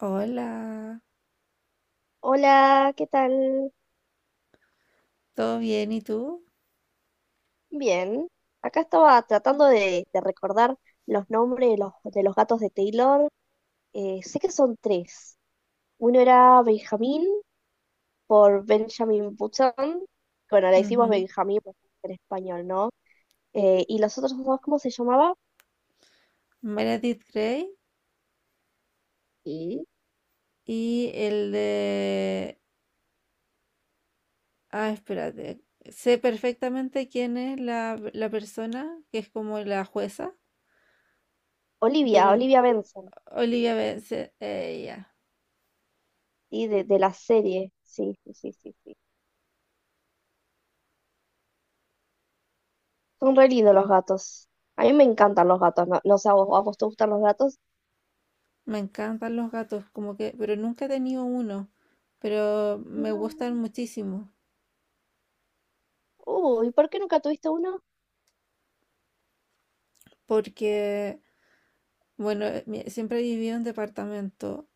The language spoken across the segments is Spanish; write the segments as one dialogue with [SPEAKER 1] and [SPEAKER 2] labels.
[SPEAKER 1] Hola,
[SPEAKER 2] Hola, ¿qué tal?
[SPEAKER 1] ¿todo bien? ¿Y tú?
[SPEAKER 2] Bien. Acá estaba tratando de recordar los nombres de los gatos de Taylor. Sé que son tres. Uno era Benjamín por Benjamin Button. Bueno, le decimos
[SPEAKER 1] Ujú.
[SPEAKER 2] Benjamín porque es en español, ¿no? Y los otros dos, ¿cómo se llamaba?
[SPEAKER 1] Meredith Grey
[SPEAKER 2] Y
[SPEAKER 1] y el de... Ah, espérate. Sé perfectamente quién es la persona que es como la jueza,
[SPEAKER 2] Olivia,
[SPEAKER 1] pero
[SPEAKER 2] Olivia Benson,
[SPEAKER 1] Olivia Benson, ella.
[SPEAKER 2] ¿sí? De la serie. Sí, sí, sí, sí, sí. Son re lindos los gatos. A mí me encantan los gatos, ¿no? No sé, a vos te gustan los gatos?
[SPEAKER 1] Me encantan los gatos, como que, pero nunca he tenido uno, pero me gustan
[SPEAKER 2] No.
[SPEAKER 1] muchísimo
[SPEAKER 2] Uy, ¿por qué nunca tuviste uno?
[SPEAKER 1] porque, bueno, siempre he vivido en departamento.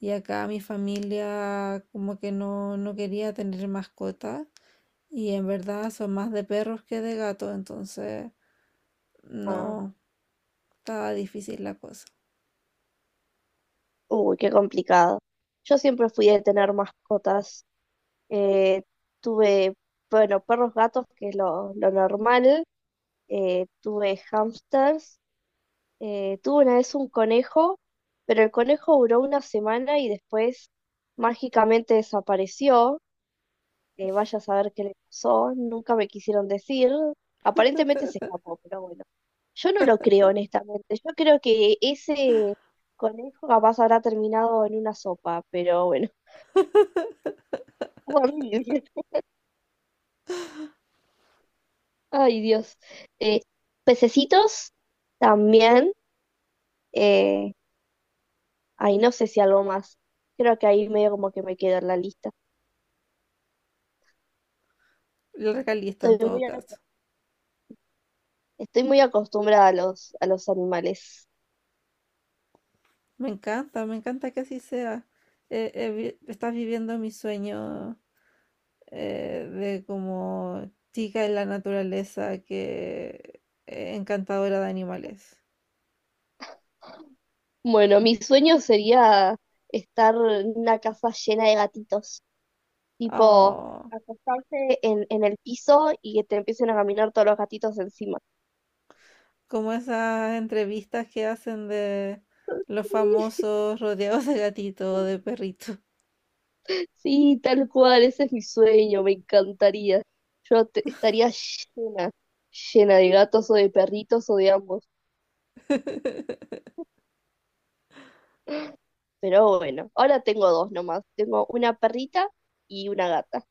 [SPEAKER 1] Y acá mi familia como que no quería tener mascota. Y en verdad son más de perros que de gatos, entonces
[SPEAKER 2] Ah,
[SPEAKER 1] no, estaba difícil la cosa.
[SPEAKER 2] uy, qué complicado. Yo siempre fui de tener mascotas. Eh, tuve, bueno, perros, gatos, que es lo normal. Tuve hamsters. Tuve una vez un conejo, pero el conejo duró una semana y después mágicamente desapareció. Vaya a saber qué le pasó, nunca me quisieron decir, aparentemente se escapó, pero bueno, yo no lo creo honestamente, yo creo que ese conejo capaz habrá terminado en una sopa, pero bueno, horrible. Ay Dios. Eh, Pececitos también, eh, ay no sé si algo más, creo que ahí medio como que me quedo en la lista,
[SPEAKER 1] La realista en
[SPEAKER 2] estoy
[SPEAKER 1] todo
[SPEAKER 2] muy, a-
[SPEAKER 1] caso.
[SPEAKER 2] estoy muy acostumbrada a los animales.
[SPEAKER 1] Me encanta que así sea. Estás viviendo mi sueño, de como chica en la naturaleza que, encantadora de animales.
[SPEAKER 2] Bueno, mi sueño sería estar en una casa llena de gatitos, tipo
[SPEAKER 1] Oh.
[SPEAKER 2] acostarse en el piso y que te empiecen a caminar todos los gatitos encima.
[SPEAKER 1] Como esas entrevistas que hacen de los famosos rodeados de gatito o de perrito.
[SPEAKER 2] Sí, tal cual, ese es mi sueño, me encantaría. Estaría llena, llena de gatos o de perritos o de ambos. Pero bueno, ahora tengo dos nomás. Tengo una perrita y una gata.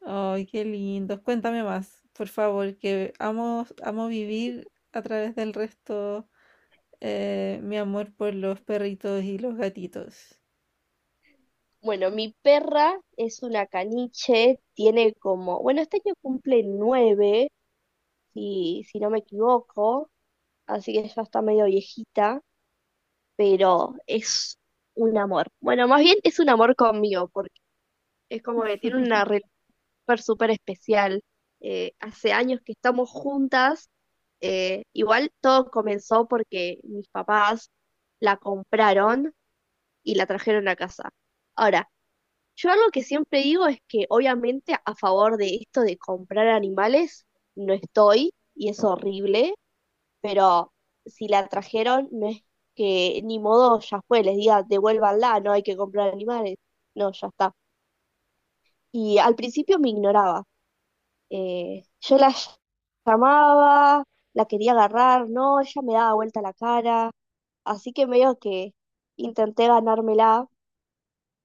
[SPEAKER 1] Ay, qué lindos. Cuéntame más, por favor, que amo, amo vivir a través del resto, mi amor por los perritos y los gatitos.
[SPEAKER 2] Bueno, mi perra es una caniche, tiene como, bueno, este año cumple nueve si no me equivoco, así que ya está medio viejita, pero es un amor. Bueno, más bien es un amor conmigo, porque es como que tiene una relación súper súper especial. Hace años que estamos juntas, igual todo comenzó porque mis papás la compraron y la trajeron a casa. Ahora, yo algo que siempre digo es que obviamente a favor de esto de comprar animales no estoy y es horrible, pero si la trajeron, no es que ni modo, ya fue, les diga, devuélvanla, no hay que comprar animales. No, ya está. Y al principio me ignoraba. Eh, yo la ll- llamaba, la quería agarrar, no, ella me daba vuelta la cara, así que medio que intenté ganármela.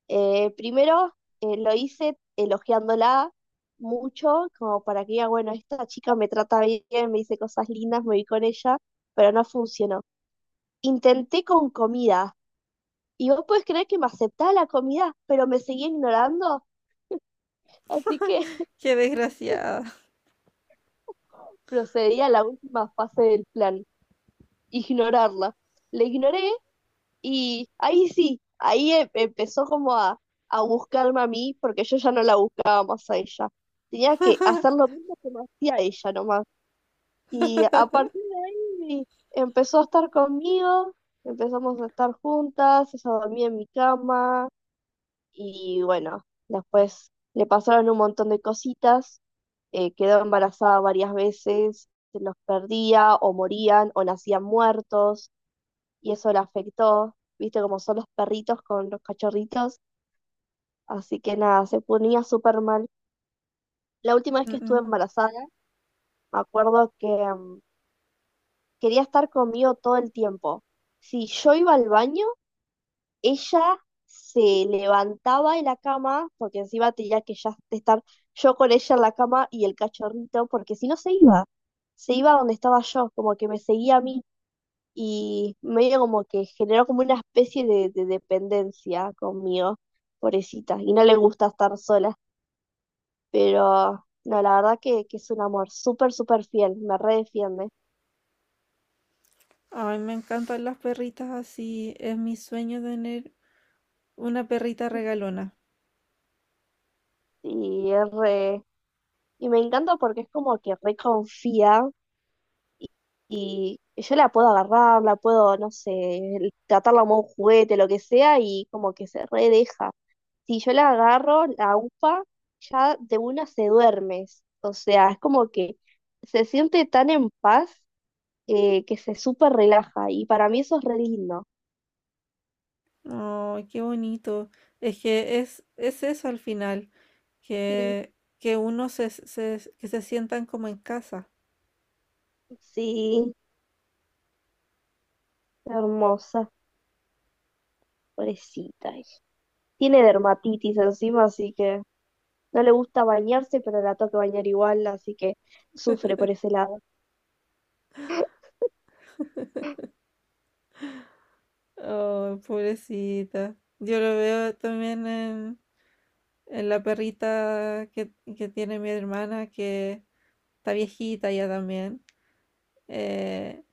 [SPEAKER 2] Primero lo hice elogiándola mucho, como para que diga, bueno, esta chica me trata bien, me dice cosas lindas, me vi con ella, pero no funcionó. Intenté con comida y vos podés creer que me aceptaba la comida, pero me seguía ignorando, así que
[SPEAKER 1] Qué desgraciada.
[SPEAKER 2] procedí a la última fase del plan, ignorarla. La ignoré y ahí sí, empezó como a buscarme a mí porque yo ya no la buscaba más a ella. Tenía que hacer lo mismo que me hacía ella nomás. Y a partir de ahí empezó a estar conmigo, empezamos a estar juntas, ella dormía en mi cama. Y bueno, después le pasaron un montón de cositas, quedó embarazada varias veces, se los perdía o morían o nacían muertos y eso la afectó, viste como son los perritos con los cachorritos, así que nada, se ponía súper mal. La última vez
[SPEAKER 1] Mm,
[SPEAKER 2] que estuve
[SPEAKER 1] mm.
[SPEAKER 2] embarazada, me acuerdo que quería estar conmigo todo el tiempo. Si yo iba al baño, ella se levantaba de la cama, porque encima tenía que ya estar yo con ella en la cama y el cachorrito, porque si no se iba, se iba donde estaba yo, como que me seguía a mí y medio como que generó como una especie de dependencia conmigo, pobrecita, y no le gusta estar sola, pero no, la verdad que es un amor súper, súper fiel, me redefiende
[SPEAKER 1] Ay, me encantan las perritas así. Es mi sueño tener una perrita regalona.
[SPEAKER 2] y es re... Y me encanta porque es como que reconfía. Y yo la puedo agarrar, la puedo, no sé, tratarla como un juguete, lo que sea, y como que se redeja. Si yo la agarro, la upa, ya de una se duerme. O sea, es como que se siente tan en paz, que se súper relaja. Y para mí eso es re lindo.
[SPEAKER 1] Ay, qué bonito. Es que es eso al final,
[SPEAKER 2] Mm,
[SPEAKER 1] que uno que se sientan como en casa.
[SPEAKER 2] sí, hermosa, pobrecita. Ella tiene dermatitis encima, así que no le gusta bañarse, pero la toca bañar igual, así que sufre por ese lado.
[SPEAKER 1] Oh, pobrecita. Yo lo veo también en la perrita que tiene mi hermana, que está viejita ya también. eh,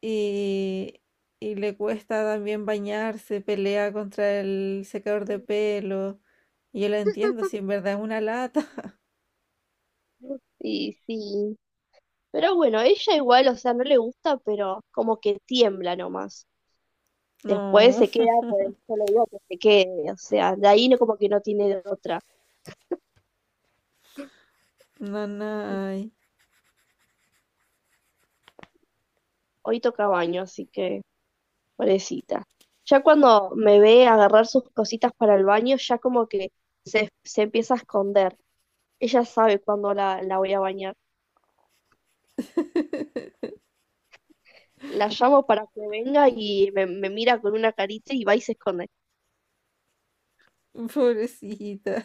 [SPEAKER 1] y, y le cuesta también bañarse, pelea contra el secador de pelo. Y yo la entiendo, si en verdad es una lata.
[SPEAKER 2] Sí, sí. Pero bueno, ella igual, o sea, no le gusta, pero como que tiembla nomás. Después
[SPEAKER 1] No,
[SPEAKER 2] se queda, pues yo le digo que se quede, o sea, de ahí no, como que no tiene de otra.
[SPEAKER 1] no, no.
[SPEAKER 2] Hoy toca baño, así que pobrecita. Ya cuando me ve agarrar sus cositas para el baño, ya como que se empieza a esconder. Ella sabe cuándo la voy a bañar. La llamo para que venga y me mira con una carita y va y se esconde.
[SPEAKER 1] Pobrecita.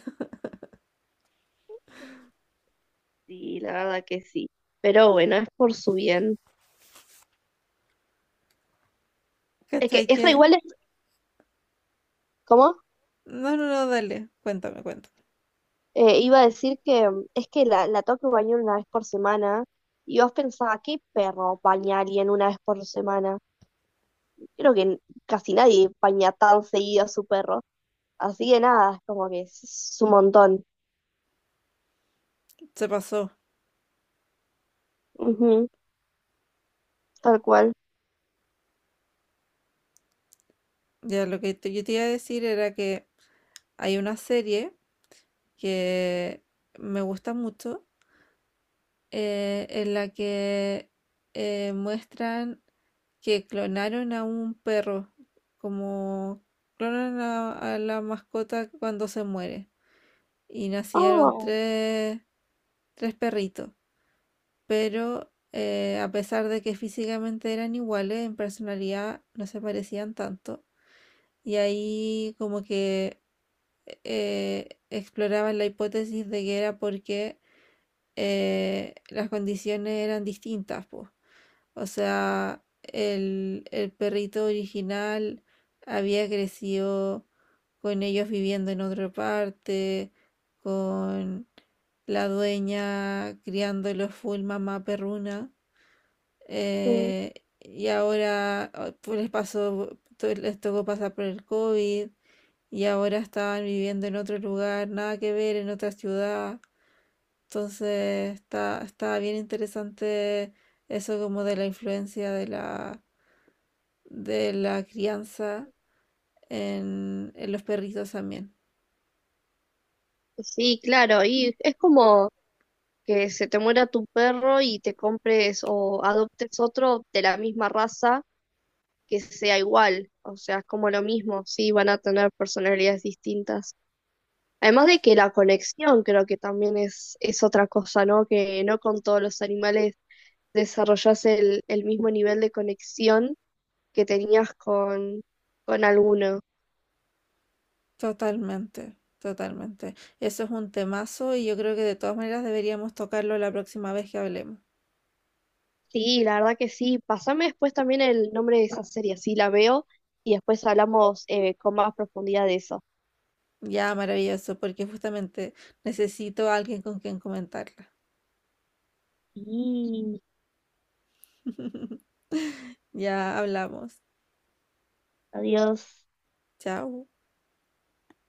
[SPEAKER 2] Sí, la verdad que sí. Pero bueno, es por su bien. Es que
[SPEAKER 1] ¿Cachai
[SPEAKER 2] es re
[SPEAKER 1] que?
[SPEAKER 2] igual, es, ¿cómo?
[SPEAKER 1] No, no, no, dale, cuéntame, cuéntame.
[SPEAKER 2] Iba a decir que es que la tengo que bañar una vez por semana. Y vos pensabas, ¿qué perro baña a alguien una vez por semana? Creo que casi nadie baña tan seguido a su perro. Así que nada, es como que es un montón.
[SPEAKER 1] Se pasó.
[SPEAKER 2] Ujú, tal cual.
[SPEAKER 1] Ya lo que yo te iba a decir era que hay una serie que me gusta mucho, en la que muestran que clonaron a un perro, como clonan a la mascota cuando se muere. Y nacieron
[SPEAKER 2] Oh,
[SPEAKER 1] tres, tres perritos, pero a pesar de que físicamente eran iguales, en personalidad no se parecían tanto. Y ahí como que exploraban la hipótesis de que era porque las condiciones eran distintas, po. O sea, el perrito original había crecido con ellos viviendo en otra parte, con la dueña criándolos full mamá perruna,
[SPEAKER 2] mm,
[SPEAKER 1] eh, y ahora oh, pues les pasó, les tocó pasar por el COVID y ahora estaban viviendo en otro lugar, nada que ver, en otra ciudad. Entonces está, está bien interesante eso como de la influencia de la crianza en los perritos también.
[SPEAKER 2] sí, claro. Y es como que se te muera tu perro y te compres o adoptes otro de la misma raza que sea igual, o sea, es como lo mismo, sí, van a tener personalidades distintas. Además de que la conexión creo que también es otra cosa, ¿no? Que no con todos los animales desarrollas el mismo nivel de conexión que tenías con alguno.
[SPEAKER 1] Totalmente, totalmente. Eso es un temazo y yo creo que de todas maneras deberíamos tocarlo la próxima vez que hablemos.
[SPEAKER 2] Sí, la verdad que sí. Pásame después también el nombre de esa serie, así la veo y después hablamos con más profundidad de eso.
[SPEAKER 1] Ya, maravilloso, porque justamente necesito a alguien con quien comentarla.
[SPEAKER 2] Y
[SPEAKER 1] Ya hablamos.
[SPEAKER 2] adiós.
[SPEAKER 1] Chao.